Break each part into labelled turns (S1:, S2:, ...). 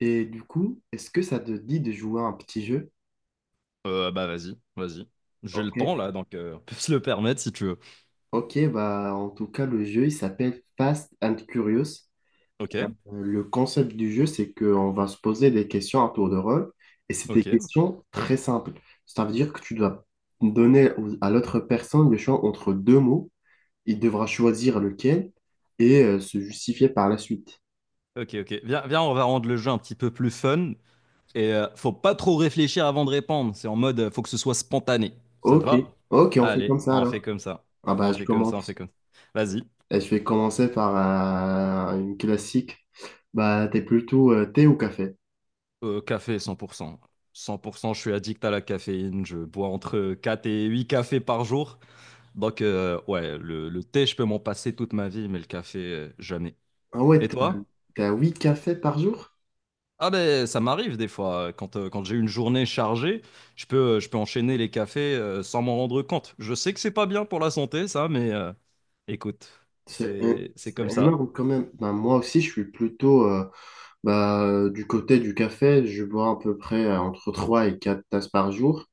S1: Et du coup, est-ce que ça te dit de jouer à un petit jeu?
S2: Bah vas-y, vas-y. J'ai
S1: Ok.
S2: le temps là, donc on peut se le permettre si tu veux.
S1: Ok, bah en tout cas, le jeu, il s'appelle Fast and Curious.
S2: Ok,
S1: Le concept du jeu, c'est qu'on va se poser des questions à tour de rôle, et c'est des
S2: ok,
S1: questions très simples. Ça veut dire que tu dois donner à l'autre personne le choix entre deux mots, il devra choisir lequel et se justifier par la suite.
S2: ok, ok. Viens, viens, on va rendre le jeu un petit peu plus fun. Et faut pas trop réfléchir avant de répondre. C'est en mode, faut que ce soit spontané. Ça te
S1: Ok,
S2: va?
S1: ok, on fait comme
S2: Allez,
S1: ça
S2: on fait
S1: alors.
S2: comme ça.
S1: Ah bah
S2: On
S1: je
S2: fait comme ça, on fait
S1: commence.
S2: comme ça. Vas-y.
S1: Et je vais commencer par une classique. Bah, t'es plutôt thé ou café?
S2: Café cent pour cent, je suis addict à la caféine. Je bois entre 4 et 8 cafés par jour. Donc, ouais, le thé, je peux m'en passer toute ma vie, mais le café, jamais.
S1: Ah ouais,
S2: Et
S1: t'es
S2: toi?
S1: t'es à 8 cafés par jour?
S2: Ah ben ça m'arrive des fois, quand j'ai une journée chargée, je peux enchaîner les cafés sans m'en rendre compte. Je sais que c'est pas bien pour la santé ça, mais écoute,
S1: C'est é-
S2: c'est
S1: c'est
S2: comme ça.
S1: énorme quand même. Bah, moi aussi, je suis plutôt bah, du côté du café. Je bois à peu près entre 3 et 4 tasses par jour.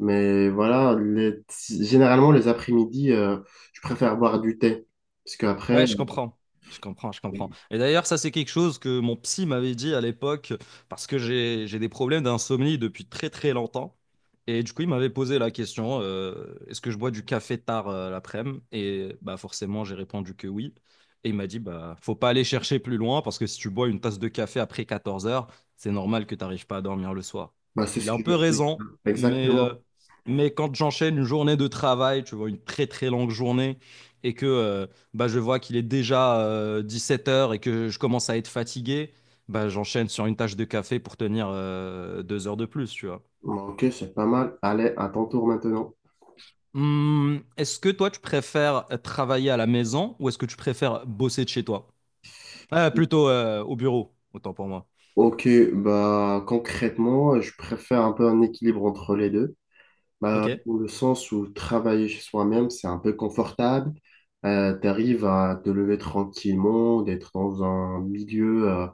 S1: Mais voilà, généralement, les après-midi, je préfère boire du thé. Parce qu'après,
S2: Ouais, je comprends. Je comprends, je comprends.
S1: euh,
S2: Et d'ailleurs, ça, c'est quelque chose que mon psy m'avait dit à l'époque, parce que j'ai des problèmes d'insomnie depuis très, très longtemps. Et du coup, il m'avait posé la question, est-ce que je bois du café tard l'après-midi? Et bah, forcément, j'ai répondu que oui. Et il m'a dit, bah, faut pas aller chercher plus loin, parce que si tu bois une tasse de café après 14 heures, c'est normal que tu n'arrives pas à dormir le soir.
S1: bah, c'est
S2: Il
S1: ce
S2: a un
S1: que je
S2: peu
S1: fais.
S2: raison, mais, euh,
S1: Exactement.
S2: mais quand j'enchaîne une journée de travail, tu vois, une très, très longue journée, et que bah, je vois qu'il est déjà 17 heures et que je commence à être fatigué, bah, j'enchaîne sur une tasse de café pour tenir 2 heures de plus, tu vois.
S1: Bon, ok, c'est pas mal. Allez, à ton tour maintenant.
S2: Est-ce que toi, tu préfères travailler à la maison ou est-ce que tu préfères bosser de chez toi? Ah, plutôt au bureau, autant pour moi.
S1: Ok, bah concrètement, je préfère un peu un équilibre entre les deux.
S2: Ok,
S1: Bah,
S2: ouais,
S1: dans le sens où travailler chez soi-même, c'est un peu confortable. Tu arrives à te lever tranquillement, d'être dans un milieu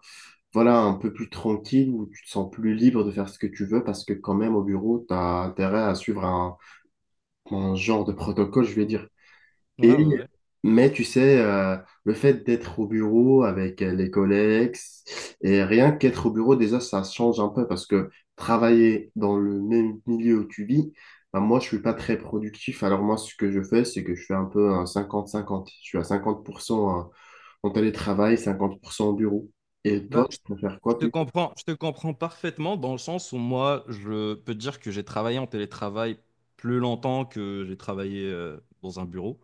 S1: voilà, un peu plus tranquille, où tu te sens plus libre de faire ce que tu veux, parce que quand même au bureau, tu as intérêt à suivre un genre de protocole, je vais dire.
S2: ouais,
S1: Et,
S2: ouais.
S1: mais tu sais, le fait d'être au bureau avec les collègues, et rien qu'être au bureau, déjà, ça change un peu parce que travailler dans le même milieu où tu vis, ben, moi, je suis pas très productif. Alors moi, ce que je fais, c'est que je fais un peu un 50/50. Je suis à 50% en télétravail, 50% au bureau. Et toi,
S2: Bah,
S1: tu
S2: je
S1: préfères
S2: je
S1: quoi
S2: te
S1: plus
S2: comprends, je te comprends parfaitement dans le sens où moi, je peux te dire que j'ai travaillé en télétravail plus longtemps que j'ai travaillé dans un bureau.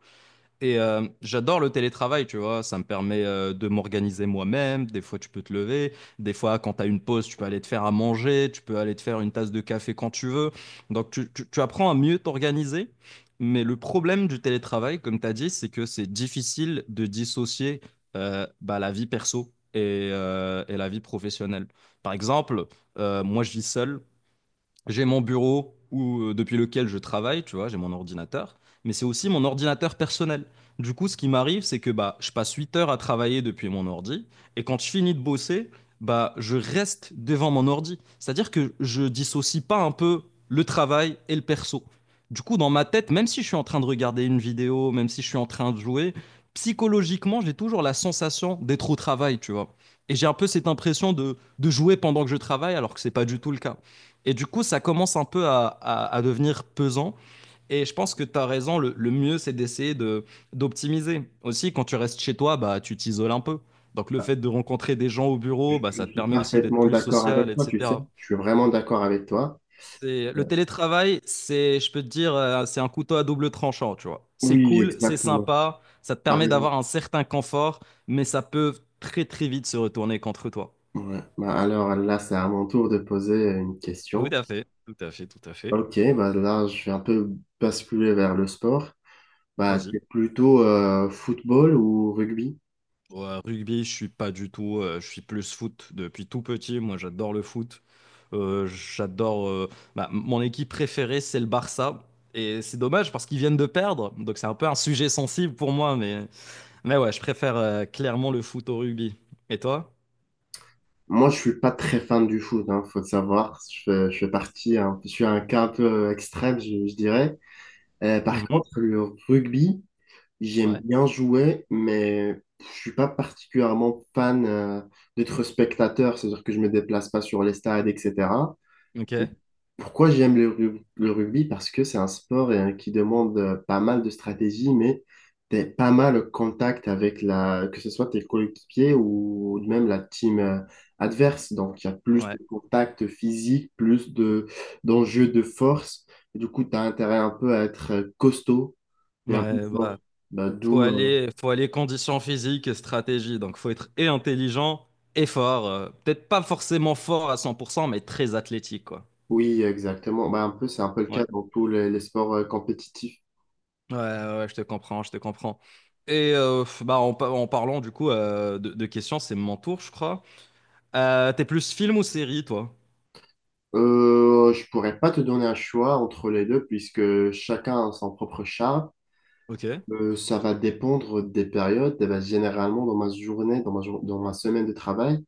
S2: Et j'adore le télétravail, tu vois, ça me permet de m'organiser moi-même. Des fois, tu peux te lever. Des fois, quand tu as une pause, tu peux aller te faire à manger, tu peux aller te faire une tasse de café quand tu veux. Donc, tu apprends à mieux t'organiser. Mais le problème du télétravail, comme tu as dit, c'est que c'est difficile de dissocier bah, la vie perso et la vie professionnelle. Par exemple, moi, je vis seul. J'ai mon bureau où, depuis lequel je travaille, tu vois, j'ai mon ordinateur, mais c'est aussi mon ordinateur personnel. Du coup, ce qui m'arrive, c'est que bah, je passe 8 heures à travailler depuis mon ordi, et quand je finis de bosser, bah, je reste devant mon ordi. C'est-à-dire que je dissocie pas un peu le travail et le perso. Du coup, dans ma tête, même si je suis en train de regarder une vidéo, même si je suis en train de jouer, psychologiquement, j'ai toujours la sensation d'être au travail, tu vois. Et j'ai un peu cette impression de jouer pendant que je travaille, alors que c'est pas du tout le cas. Et du coup, ça commence un peu à devenir pesant. Et je pense que tu as raison, le mieux, c'est d'essayer d'optimiser. Aussi, quand tu restes chez toi, bah, tu t'isoles un peu. Donc, le
S1: tard.
S2: fait de rencontrer des gens au
S1: Je,
S2: bureau, bah,
S1: je
S2: ça te
S1: suis
S2: permet aussi d'être
S1: parfaitement
S2: plus
S1: d'accord
S2: social,
S1: avec toi, tu sais.
S2: etc.
S1: Je suis vraiment d'accord avec toi.
S2: C'est, le télétravail, c'est, je peux te dire, c'est un couteau à double tranchant, tu vois. C'est
S1: Oui,
S2: cool, c'est
S1: exactement.
S2: sympa, ça te
S1: Par
S2: permet
S1: exemple.
S2: d'avoir un certain confort, mais ça peut très, très vite se retourner contre toi.
S1: Ouais. Bah, alors là, c'est à mon tour de poser une
S2: Tout
S1: question.
S2: à fait, tout à fait, tout à fait.
S1: Ok, bah là, je vais un peu basculer vers le sport. Bah,
S2: Vas-y.
S1: t'es plutôt football ou rugby?
S2: Ouais, rugby, je suis pas du tout. Je suis plus foot depuis tout petit. Moi, j'adore le foot. J'adore. Bah, mon équipe préférée, c'est le Barça. Et c'est dommage parce qu'ils viennent de perdre. Donc, c'est un peu un sujet sensible pour moi. Mais, ouais, je préfère clairement le foot au rugby. Et toi?
S1: Moi, je suis pas très fan du foot, hein, faut le savoir. Je fais partie, hein, je suis un cas un peu extrême, je dirais. Par
S2: Mhm.
S1: contre, le rugby, j'aime
S2: Ouais.
S1: bien jouer, mais je suis pas particulièrement fan d'être spectateur, c'est-à-dire que je me déplace pas sur les stades, etc.
S2: Ok.
S1: Et pourquoi j'aime le rugby? Parce que c'est un sport qui demande pas mal de stratégie, mais t'es pas mal au contact avec que ce soit tes coéquipiers ou même la team adverse. Donc, il y a plus
S2: Ouais.
S1: de contact physique, plus d'enjeux de force. Et du coup, tu as intérêt un peu à être costaud et un peu
S2: Ouais,
S1: fort.
S2: bah,
S1: Bah,
S2: faut
S1: d'où,
S2: aller, faut aller condition physique et stratégie. Donc, faut être et intelligent et fort. Peut-être pas forcément fort à 100%, mais très athlétique, quoi.
S1: oui, exactement. Bah, un peu, c'est un peu le cas
S2: Ouais.
S1: dans tous les sports compétitifs.
S2: Ouais, ouais, ouais, je te comprends, je te comprends. Et bah, en parlant du coup de questions, c'est mon tour, je crois. T'es plus film ou série, toi?
S1: Je pourrais pas te donner un choix entre les deux puisque chacun a son propre charme.
S2: Ok.
S1: Ça va dépendre des périodes. Eh ben, généralement, dans ma journée, dans ma semaine de travail,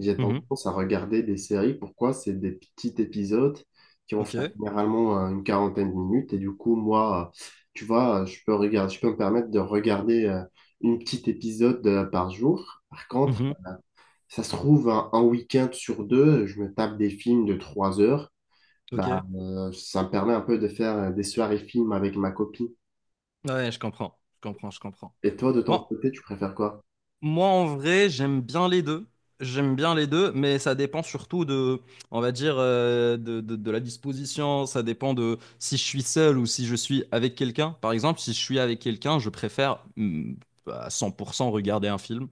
S1: j'ai
S2: Mhm.
S1: tendance à regarder des séries. Pourquoi? C'est des petits épisodes qui vont
S2: Ok.
S1: faire généralement une quarantaine de minutes. Et du coup, moi, tu vois, je peux me permettre de regarder une petite épisode par jour. Par contre,
S2: Mhm.
S1: ça se trouve, un week-end sur deux, je me tape des films de 3 heures. Bah,
S2: Ok.
S1: ça me permet un peu de faire des soirées films avec ma copine.
S2: Ouais, je comprends, je comprends, je comprends.
S1: Et toi, de ton
S2: Bon,
S1: côté, tu préfères quoi?
S2: moi, en vrai, j'aime bien les deux. J'aime bien les deux, mais ça dépend surtout de, on va dire, de la disposition. Ça dépend de si je suis seul ou si je suis avec quelqu'un. Par exemple, si je suis avec quelqu'un, je préfère à 100% regarder un film.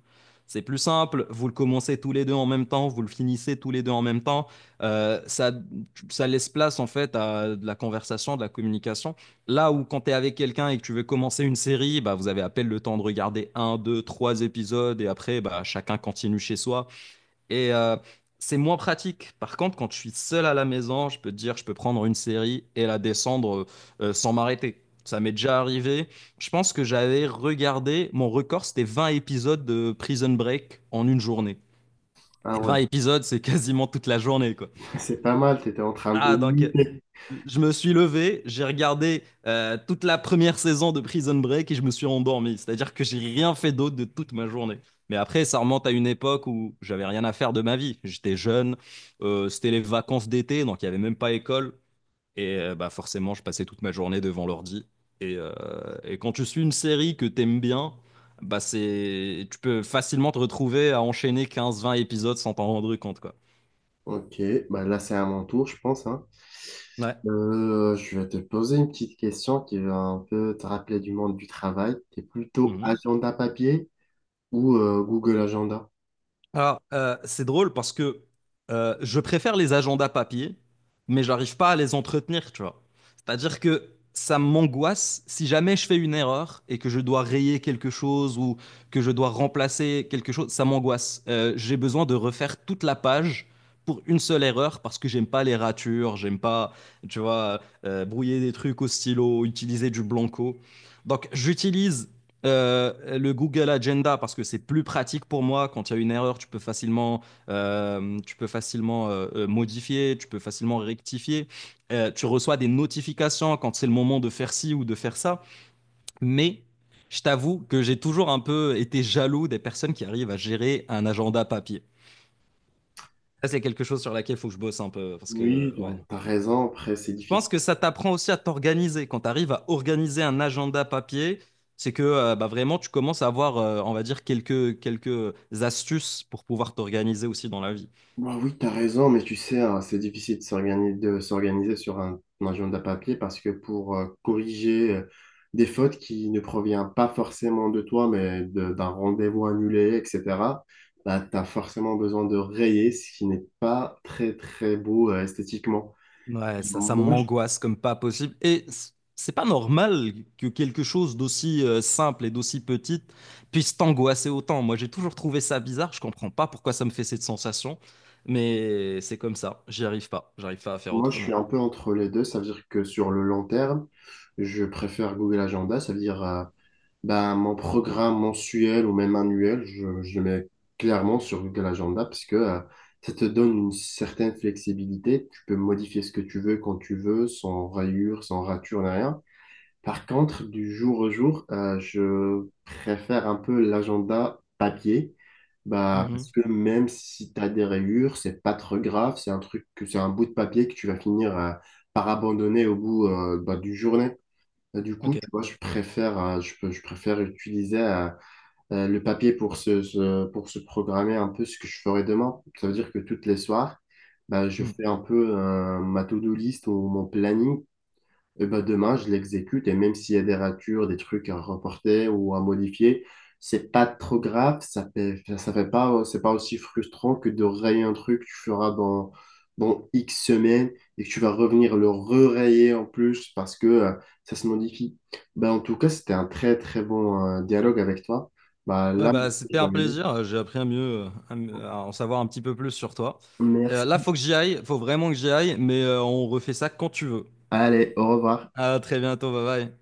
S2: C'est plus simple. Vous le commencez tous les deux en même temps, vous le finissez tous les deux en même temps. Euh, ça, ça laisse place en fait à de la conversation, de la communication. Là où quand tu es avec quelqu'un et que tu veux commencer une série, bah, vous avez à peine le temps de regarder un, deux, trois épisodes et après, bah, chacun continue chez soi. Et c'est moins pratique. Par contre, quand je suis seul à la maison, je peux te dire, je peux prendre une série et la descendre sans m'arrêter. Ça m'est déjà arrivé. Je pense que j'avais regardé, mon record, c'était 20 épisodes de Prison Break en une journée.
S1: Ah
S2: Et
S1: ouais,
S2: 20 épisodes, c'est quasiment toute la journée, quoi.
S1: c'est pas mal, t'étais en train de
S2: Ah, donc,
S1: lutter.
S2: je me suis levé, j'ai regardé toute la première saison de Prison Break et je me suis endormi. C'est-à-dire que j'ai rien fait d'autre de toute ma journée. Mais après, ça remonte à une époque où j'avais rien à faire de ma vie. J'étais jeune, c'était les vacances d'été, donc il n'y avait même pas école. Et bah, forcément, je passais toute ma journée devant l'ordi. Et, euh, et quand tu suis une série que t'aimes bien, bah tu peux facilement te retrouver à enchaîner 15, 20 épisodes sans t'en rendre compte, quoi.
S1: Ok, bah là, c'est à mon tour, je pense, hein.
S2: Ouais.
S1: Je vais te poser une petite question qui va un peu te rappeler du monde du travail. T'es plutôt agenda papier ou Google Agenda?
S2: Alors, c'est drôle parce que je préfère les agendas papier, mais j'arrive pas à les entretenir, tu vois. C'est-à-dire que ça m'angoisse si jamais je fais une erreur et que je dois rayer quelque chose ou que je dois remplacer quelque chose, ça m'angoisse. J'ai besoin de refaire toute la page pour une seule erreur parce que j'aime pas les ratures, j'aime pas, tu vois, brouiller des trucs au stylo, utiliser du blanco. Donc, j'utilise euh, le Google Agenda parce que c'est plus pratique pour moi. Quand il y a une erreur, tu peux facilement, modifier, tu peux facilement rectifier. Tu reçois des notifications quand c'est le moment de faire ci ou de faire ça. Mais je t'avoue que j'ai toujours un peu été jaloux des personnes qui arrivent à gérer un agenda papier. Ça, c'est quelque chose sur laquelle il faut que je bosse un peu parce que,
S1: Oui,
S2: ouais,
S1: donc, t'as raison. Après, c'est
S2: je pense
S1: difficile.
S2: que ça t'apprend aussi à t'organiser. Quand tu arrives à organiser un agenda papier, c'est que bah, vraiment tu commences à avoir, on va dire, quelques astuces pour pouvoir t'organiser aussi dans la vie.
S1: Bah oui, tu as raison, mais tu sais, hein, c'est difficile de s'organiser sur un agenda papier parce que pour corriger des fautes qui ne proviennent pas forcément de toi, mais d'un rendez-vous annulé, etc., bah, tu as forcément besoin de rayer ce qui n'est pas très, très beau esthétiquement.
S2: Ouais, ça
S1: Moi je,
S2: m'angoisse comme pas possible. Et c'est pas normal que quelque chose d'aussi simple et d'aussi petit puisse t'angoisser autant. Moi, j'ai toujours trouvé ça bizarre. Je comprends pas pourquoi ça me fait cette sensation, mais c'est comme ça. J'y arrive pas. J'arrive pas à faire
S1: Moi, je suis
S2: autrement.
S1: un peu entre les deux, ça veut dire que sur le long terme, je préfère Google Agenda, ça veut dire ben, mon programme mensuel ou même annuel, je le mets clairement sur Google Agenda parce que ça te donne une certaine flexibilité. Tu peux modifier ce que tu veux quand tu veux, sans rayures, sans ratures, ni rien. Par contre, du jour au jour, je préfère un peu l'agenda papier. Bah, parce
S2: Mhm.
S1: que même si tu as des rayures, c'est pas trop grave. C'est un truc que c'est un bout de papier que tu vas finir par abandonner au bout bah, d'une journée. Et du coup,
S2: Ok.
S1: tu vois, je préfère utiliser le papier pour se programmer un peu ce que je ferai demain. Ça veut dire que toutes les soirs, bah, je fais un peu ma to-do list ou mon planning et ben demain, je l'exécute. Et même s'il y a des ratures, des trucs à reporter ou à modifier, c'est pas trop grave. Ça fait pas, C'est pas aussi frustrant que de rayer un truc que tu feras dans, X semaines et que tu vas revenir le re-rayer en plus parce que ça se modifie. Ben, en tout cas, c'était un très, très bon dialogue avec toi. Ben,
S2: Ouais,
S1: là,
S2: bah,
S1: je
S2: c'était un
S1: dois y aller.
S2: plaisir. J'ai appris à mieux, à en savoir un petit peu plus sur toi.
S1: Merci.
S2: Là, faut que j'y aille. Faut vraiment que j'y aille, mais on refait ça quand tu veux.
S1: Allez, au revoir.
S2: À très bientôt. Bye bye.